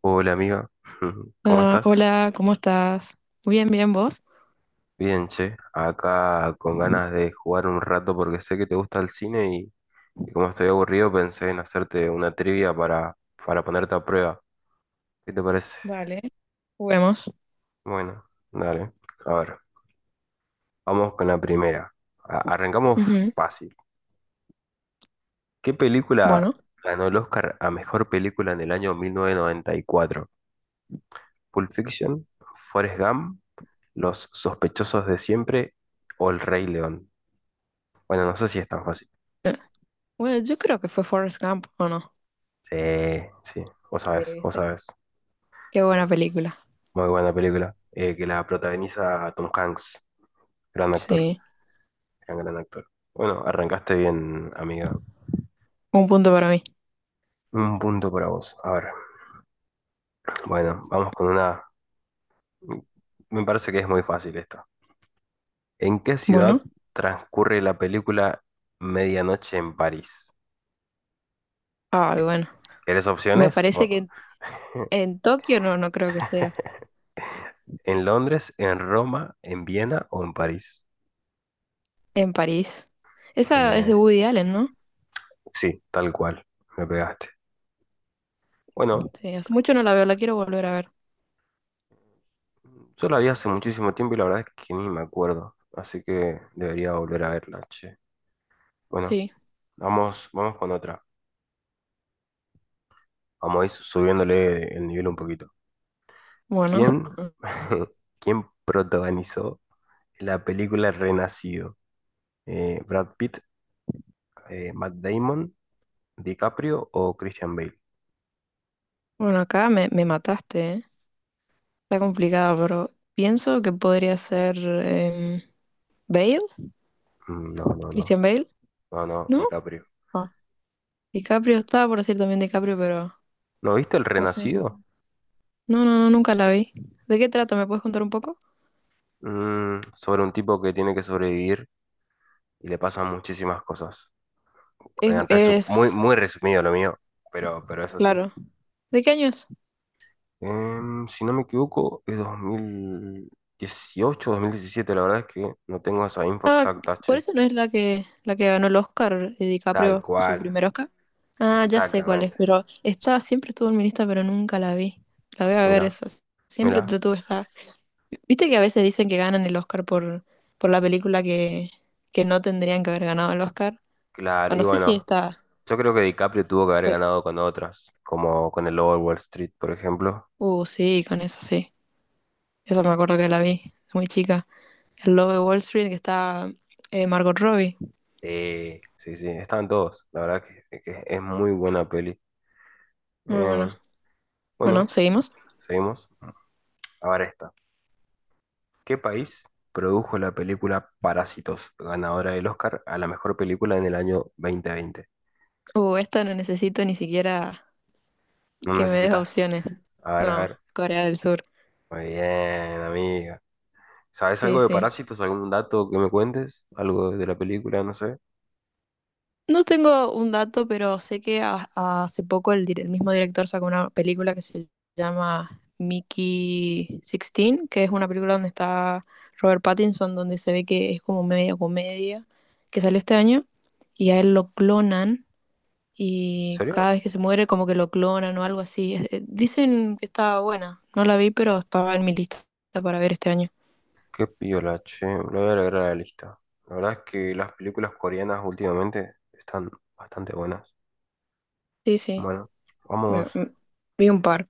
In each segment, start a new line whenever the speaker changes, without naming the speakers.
Hola amiga, ¿cómo
Ah,
estás?
hola, ¿cómo estás? Bien, bien, ¿vos?
Bien, che, acá con ganas de jugar un rato porque sé que te gusta el cine y como estoy aburrido pensé en hacerte una trivia para ponerte a prueba. ¿Qué te parece?
Dale, juguemos.
Bueno, dale. A ver, vamos con la primera. Arrancamos
Ujú.
fácil. ¿Qué película
Bueno,
ganó el Oscar a mejor película en el año 1994? ¿Pulp Fiction? ¿Forrest Gump? ¿Los sospechosos de siempre? ¿O El Rey León? Bueno, no sé si es tan fácil.
bueno, yo creo que fue Forrest Gump, ¿o no?
Sí, sí, vos
Sí,
sabés, vos
¿viste?
sabés.
Qué buena película.
Muy buena película. Que la protagoniza Tom Hanks, gran actor,
Sí,
gran actor. Bueno, arrancaste bien, amiga.
un punto para mí.
Un punto para vos. A ver, bueno, vamos con una... Me parece que es muy fácil esta. ¿En qué
Bueno,
ciudad transcurre la película Medianoche en París?
ay,
¿Qué?
bueno.
¿Querés
Me
opciones?
parece que en Tokio no, no creo que sea.
¿En Londres, en Roma, en Viena o en París?
En París.
Muy
Esa es de
bien.
Woody Allen, ¿no?
Sí, tal cual. Me pegaste. Bueno,
Sí, hace mucho no la veo, la quiero volver a ver.
yo la vi hace muchísimo tiempo y la verdad es que ni me acuerdo, así que debería volver a verla, che. Bueno,
Sí,
vamos con otra. Vamos a ir subiéndole el nivel un poquito.
bueno.
¿Quién, quién protagonizó la película Renacido? ¿Brad Pitt, Matt Damon, DiCaprio o Christian Bale?
Bueno, acá me mataste, ¿eh? Está complicado, pero pienso que podría ser Bale,
No, no, no,
Christian Bale,
no,
¿no?
DiCaprio.
Ah, DiCaprio estaba por decir también DiCaprio, pero
¿No viste el
no sé.
Renacido?
No, no, no, nunca la vi. ¿De qué trata? ¿Me puedes contar un poco?
Sobre un tipo que tiene que sobrevivir y le pasan muchísimas cosas.
Es,
Muy,
es,
muy resumido lo mío, pero es así.
claro. ¿De qué año es?
Si no me equivoco, es 2018, 2017, la verdad es que no tengo esa info
Ah,
exacta,
por
che.
eso no es la que ganó el Oscar,
Tal
DiCaprio, su
cual,
primer Oscar. Ah, ya sé cuál es,
exactamente.
pero estaba, siempre estuvo en mi lista, pero nunca la vi. La voy a
Mira,
ver esa. Siempre
mira,
te tuve esta. Viste que a veces dicen que ganan el Oscar por la película que no tendrían que haber ganado el Oscar. O
claro, y
no sé si
bueno,
esta.
yo creo que DiCaprio tuvo que haber
fue-
ganado con otras, como con el Lobo de Wall Street, por ejemplo.
Sí, con eso sí. Esa me acuerdo que la vi, muy chica. El lobo de Wall Street, que está Margot Robbie.
Sí, sí, sí, estaban todos, la verdad que es muy buena peli.
Muy
Eh,
bueno. Bueno,
bueno,
seguimos.
seguimos. Ahora esta. ¿Qué país produjo la película Parásitos, ganadora del Oscar a la mejor película en el año 2020?
Esta no necesito ni siquiera
No
que me des
necesitas.
opciones.
A ver, a
No,
ver.
Corea del Sur.
Muy bien, amiga. ¿Sabes
Sí,
algo de
sí.
Parásitos? ¿Algún dato que me cuentes? ¿Algo de la película? No sé. ¿En
No tengo un dato, pero sé que hace poco el mismo director sacó una película que se llama Mickey 16, que es una película donde está Robert Pattinson, donde se ve que es como media comedia, que salió este año, y a él lo clonan y
serio?
cada vez que se muere como que lo clonan o algo así. Dicen que estaba buena, no la vi, pero estaba en mi lista para ver este año.
Qué piola, che. Lo voy a agregar a la lista. La verdad es que las películas coreanas últimamente están bastante buenas.
Sí, sí,
Bueno,
me-
vamos.
me- vi un par.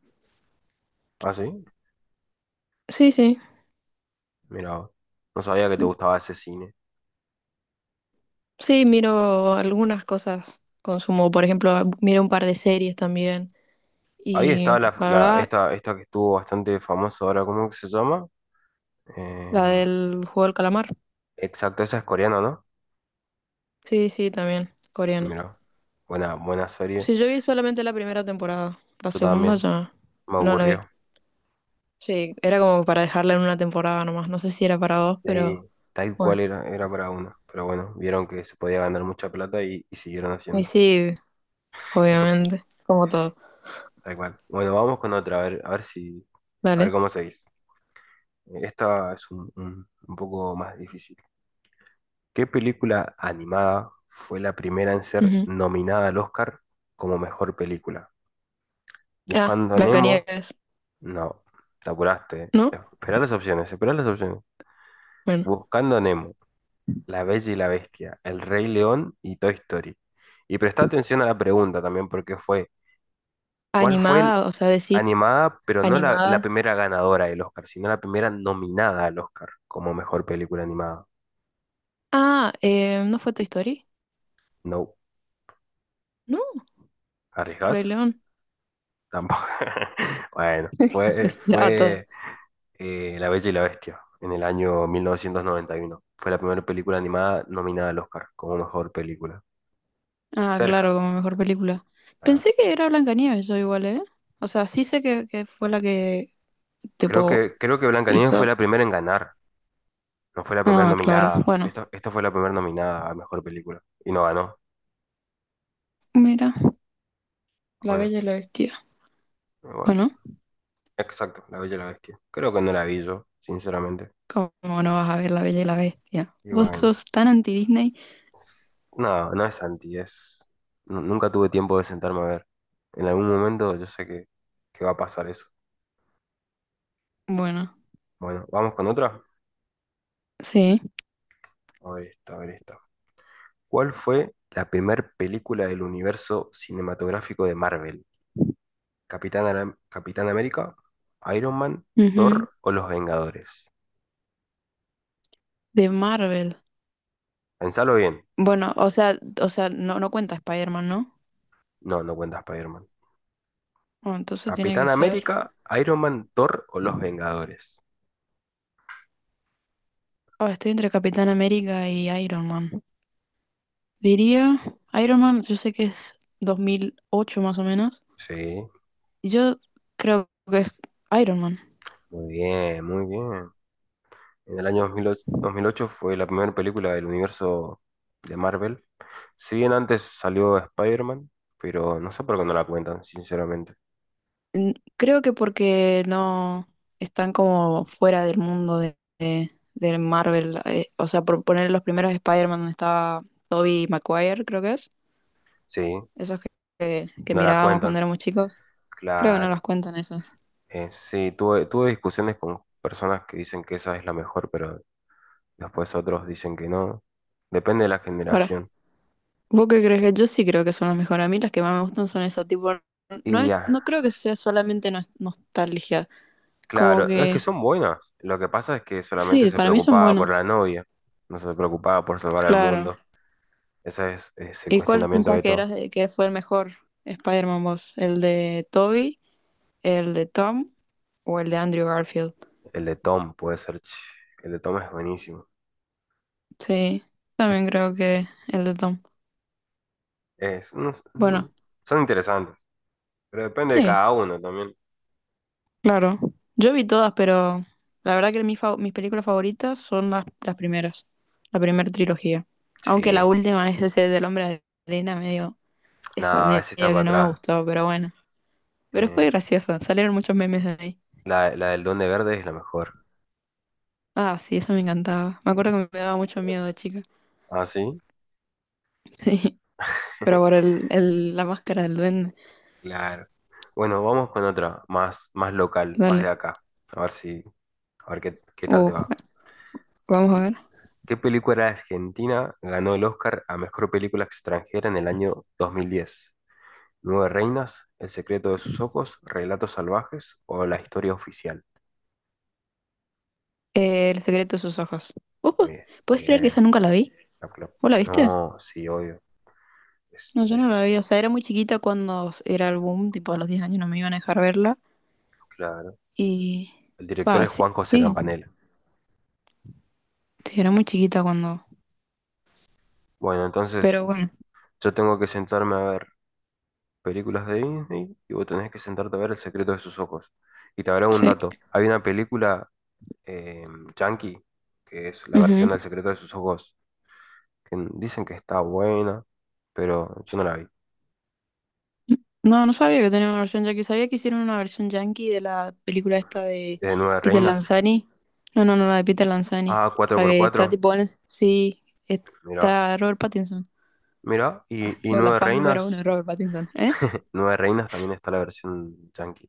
¿Ah, sí?
Sí, sí,
Mira, no sabía que te gustaba ese cine.
sí, miro algunas cosas, consumo, por ejemplo, miro un par de series también
Ahí
y
está
la verdad,
esta, esta que estuvo bastante famosa ahora, ¿cómo que se llama?
la
Em,
del juego del calamar.
exacto, esa es coreana, ¿no?
Sí, sí, también, coreana.
Mira, buena, buena serie.
Sí, yo vi solamente la primera temporada, la
Yo
segunda
también,
ya
me
no la vi.
aburrió.
Sí, era como para dejarla en una temporada nomás, no sé si era para dos, pero...
Sí, tal cual
bueno.
era, era para uno. Pero bueno, vieron que se podía ganar mucha plata y siguieron
Y
haciendo.
sí, obviamente, como todo.
Tal cual. Bueno, vamos con otra, a ver si, a ver
Dale.
cómo seguís. Esta es un poco más difícil. ¿Qué película animada fue la primera en ser
Ujú.
nominada al Oscar como mejor película?
Ah,
Buscando a Nemo,
Blancanieves,
no, te apuraste.
¿no?
Esperá las opciones, esperá las opciones.
Bueno,
Buscando a Nemo, La Bella y la Bestia, El Rey León y Toy Story. Y prestá atención a la pregunta también, porque fue, ¿cuál fue el-
animada, o sea, decir
animada, pero no la
animada.
primera ganadora del Oscar, sino la primera nominada al Oscar como mejor película animada?
Ah, ¿no fue Toy Story?
No,
No, El Rey
¿arriesgás?
León.
Tampoco. Bueno,
Ya,
fue
todas.
La Bella y la Bestia, en el año 1991. Fue la primera película animada nominada al Oscar como mejor película.
Ah, claro,
Cerca.
como mejor película.
Ah,
Pensé que era Blancanieves, yo igual, ¿eh? O sea, sí sé que fue la que, tipo,
Creo que Blancanieves fue
hizo.
la primera en ganar. No fue la primera
Ah, claro,
nominada.
bueno.
Esto fue la primera nominada a mejor película. Y no ganó.
Mira, La
Bueno,
Bella y la Bestia.
bueno.
Bueno,
Exacto, La Bella y la Bestia. Creo que no la vi yo, sinceramente.
¿cómo no vas a ver La Bella y la Bestia?
Y
Vos
bueno.
sos tan anti-Disney.
No, no es anti, es. Nunca tuve tiempo de sentarme a ver. En algún momento yo sé que va a pasar eso.
Bueno,
Bueno, ¿vamos con otra?
sí.
A ver esta, a ver esta. ¿Cuál fue la primer película del universo cinematográfico de Marvel? ¿Capitán América, Iron Man,
Ujú.
Thor o Los Vengadores?
De Marvel.
Pensalo bien.
Bueno, o sea, no, no cuenta Spider-Man, ¿no?
No, no cuenta Spider-Man.
Bueno, entonces tiene
¿Capitán
que ser.
América, Iron Man, Thor o Los Vengadores?
Ah, estoy entre Capitán América y Iron Man. Diría, Iron Man, yo sé que es 2008 más o menos.
Sí,
Yo creo que es Iron Man.
muy bien, muy bien. En el año 2008, 2008 fue la primera película del universo de Marvel. Si bien antes salió Spider-Man, pero no sé por qué no la cuentan, sinceramente.
Mm, Creo que porque no están como fuera del mundo de Marvel. O sea, por poner los primeros Spider-Man donde estaba Tobey Maguire, creo que es.
Sí,
Esos que, que
no la
mirábamos
cuentan.
cuando éramos chicos. Creo que no
Claro,
las cuentan esas.
sí, tuve discusiones con personas que dicen que esa es la mejor, pero después otros dicen que no. Depende de la
Ahora,
generación.
¿vos qué crees que yo sí creo que son las mejores? A mí las que más me gustan son esas, tipo, no,
Y ya,
no creo que sea solamente nostalgia, como
claro, es que
que
son buenas. Lo que pasa es que solamente
sí,
se
para mí son
preocupaba por la
buenas,
novia, no se preocupaba por salvar al
claro.
mundo. Es el
¿Y cuál
cuestionamiento
pensás
de
que era
todo.
que fue el mejor Spider-Man vos? ¿El de Toby, el de Tom o el de Andrew Garfield?
El de Tom puede ser, ch, el de Tom es buenísimo.
Sí,
Es,
también creo que el de Tom.
es- no s- mm,
Bueno,
Son interesantes, pero depende de
sí.
cada uno también.
Claro. Yo vi todas, pero la verdad que mis, mis películas favoritas son las primeras, la primera trilogía. Aunque la
Sí,
última es ese del Hombre de Arena, medio, esa
nada,
medio
ese está para
que no me
atrás.
gustó, pero bueno. Pero
Eh,
fue graciosa, salieron muchos memes de ahí.
La, la del Duende Verde es la mejor.
Ah, sí, eso me encantaba. Me acuerdo que me daba mucho miedo de chica.
¿Ah, sí?
Sí, pero por la máscara del duende.
Claro. Bueno, vamos con otra, más, más local, más de
Dale.
acá. A ver si, a ver qué, qué tal
Uh,
te va.
vamos a
¿Qué,
ver.
¿Qué película argentina ganó el Oscar a mejor película extranjera en el año 2010? ¿Nueve reinas? ¿El secreto de sus ojos? ¿Relatos salvajes? ¿O la historia oficial?
El secreto de sus ojos. Uh,
Bien,
¿Puedes creer que esa
bien.
nunca la vi?
La pro-
¿Vos la viste?
No, sí, obvio. Es,
No, yo no
es,
la vi, o sea, era muy chiquita cuando era el boom, tipo a los 10 años no me iban a dejar verla
claro.
y...
El director
Va,
es
sí,
Juan José
sí,
Campanella.
sí, era muy chiquita cuando...
Bueno, entonces
Pero bueno,
yo tengo que sentarme a ver películas de Disney y vos tenés que sentarte a ver El secreto de sus ojos. Y te habrá un
sí.
dato. Hay una película eh, Yankee, que es la
Ujú.
versión del secreto de sus ojos, que dicen que está buena, pero yo no la vi.
No, no sabía que tenía una versión yankee, sabía que hicieron una versión yankee de la película esta
¿Es
de
de Nueve
Peter
Reinas?
Lanzani. No, no, no, la de Peter Lanzani,
Ah, cuatro
la
por
que está
cuatro,
tipo en... Sí,
mira,
está Robert Pattinson.
mira.
Ah,
Y
yo la
Nueve
fan número uno de
Reinas,
Robert Pattinson, ¿eh?
Nueve Reinas también está la versión Yankee.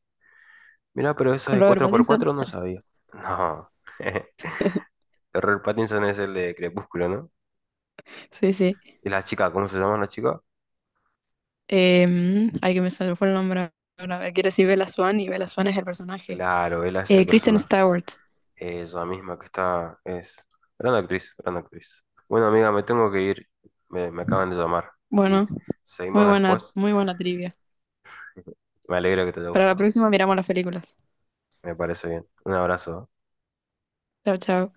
Mira, pero esa
Con
de
Robert
cuatro por
Pattinson.
cuatro no sabía. No. Robert Pattinson es el de Crepúsculo, ¿no?
Sí, sí.
¿Y la chica? ¿Cómo se llama la chica?
Ay, que me salió fue el nombre ahora. A ver, quiere decir Bella Swan y Bella Swan es el personaje.
Claro, ella es el
Kristen
personaje.
Stewart.
Ella misma que está, es gran actriz, gran actriz. Bueno, amiga, me tengo que ir. Me acaban de llamar.
Bueno,
Y seguimos después.
muy buena trivia.
Me alegra que te haya
Para la
gustado.
próxima miramos las películas.
Me parece bien. Un abrazo.
Chao, chao.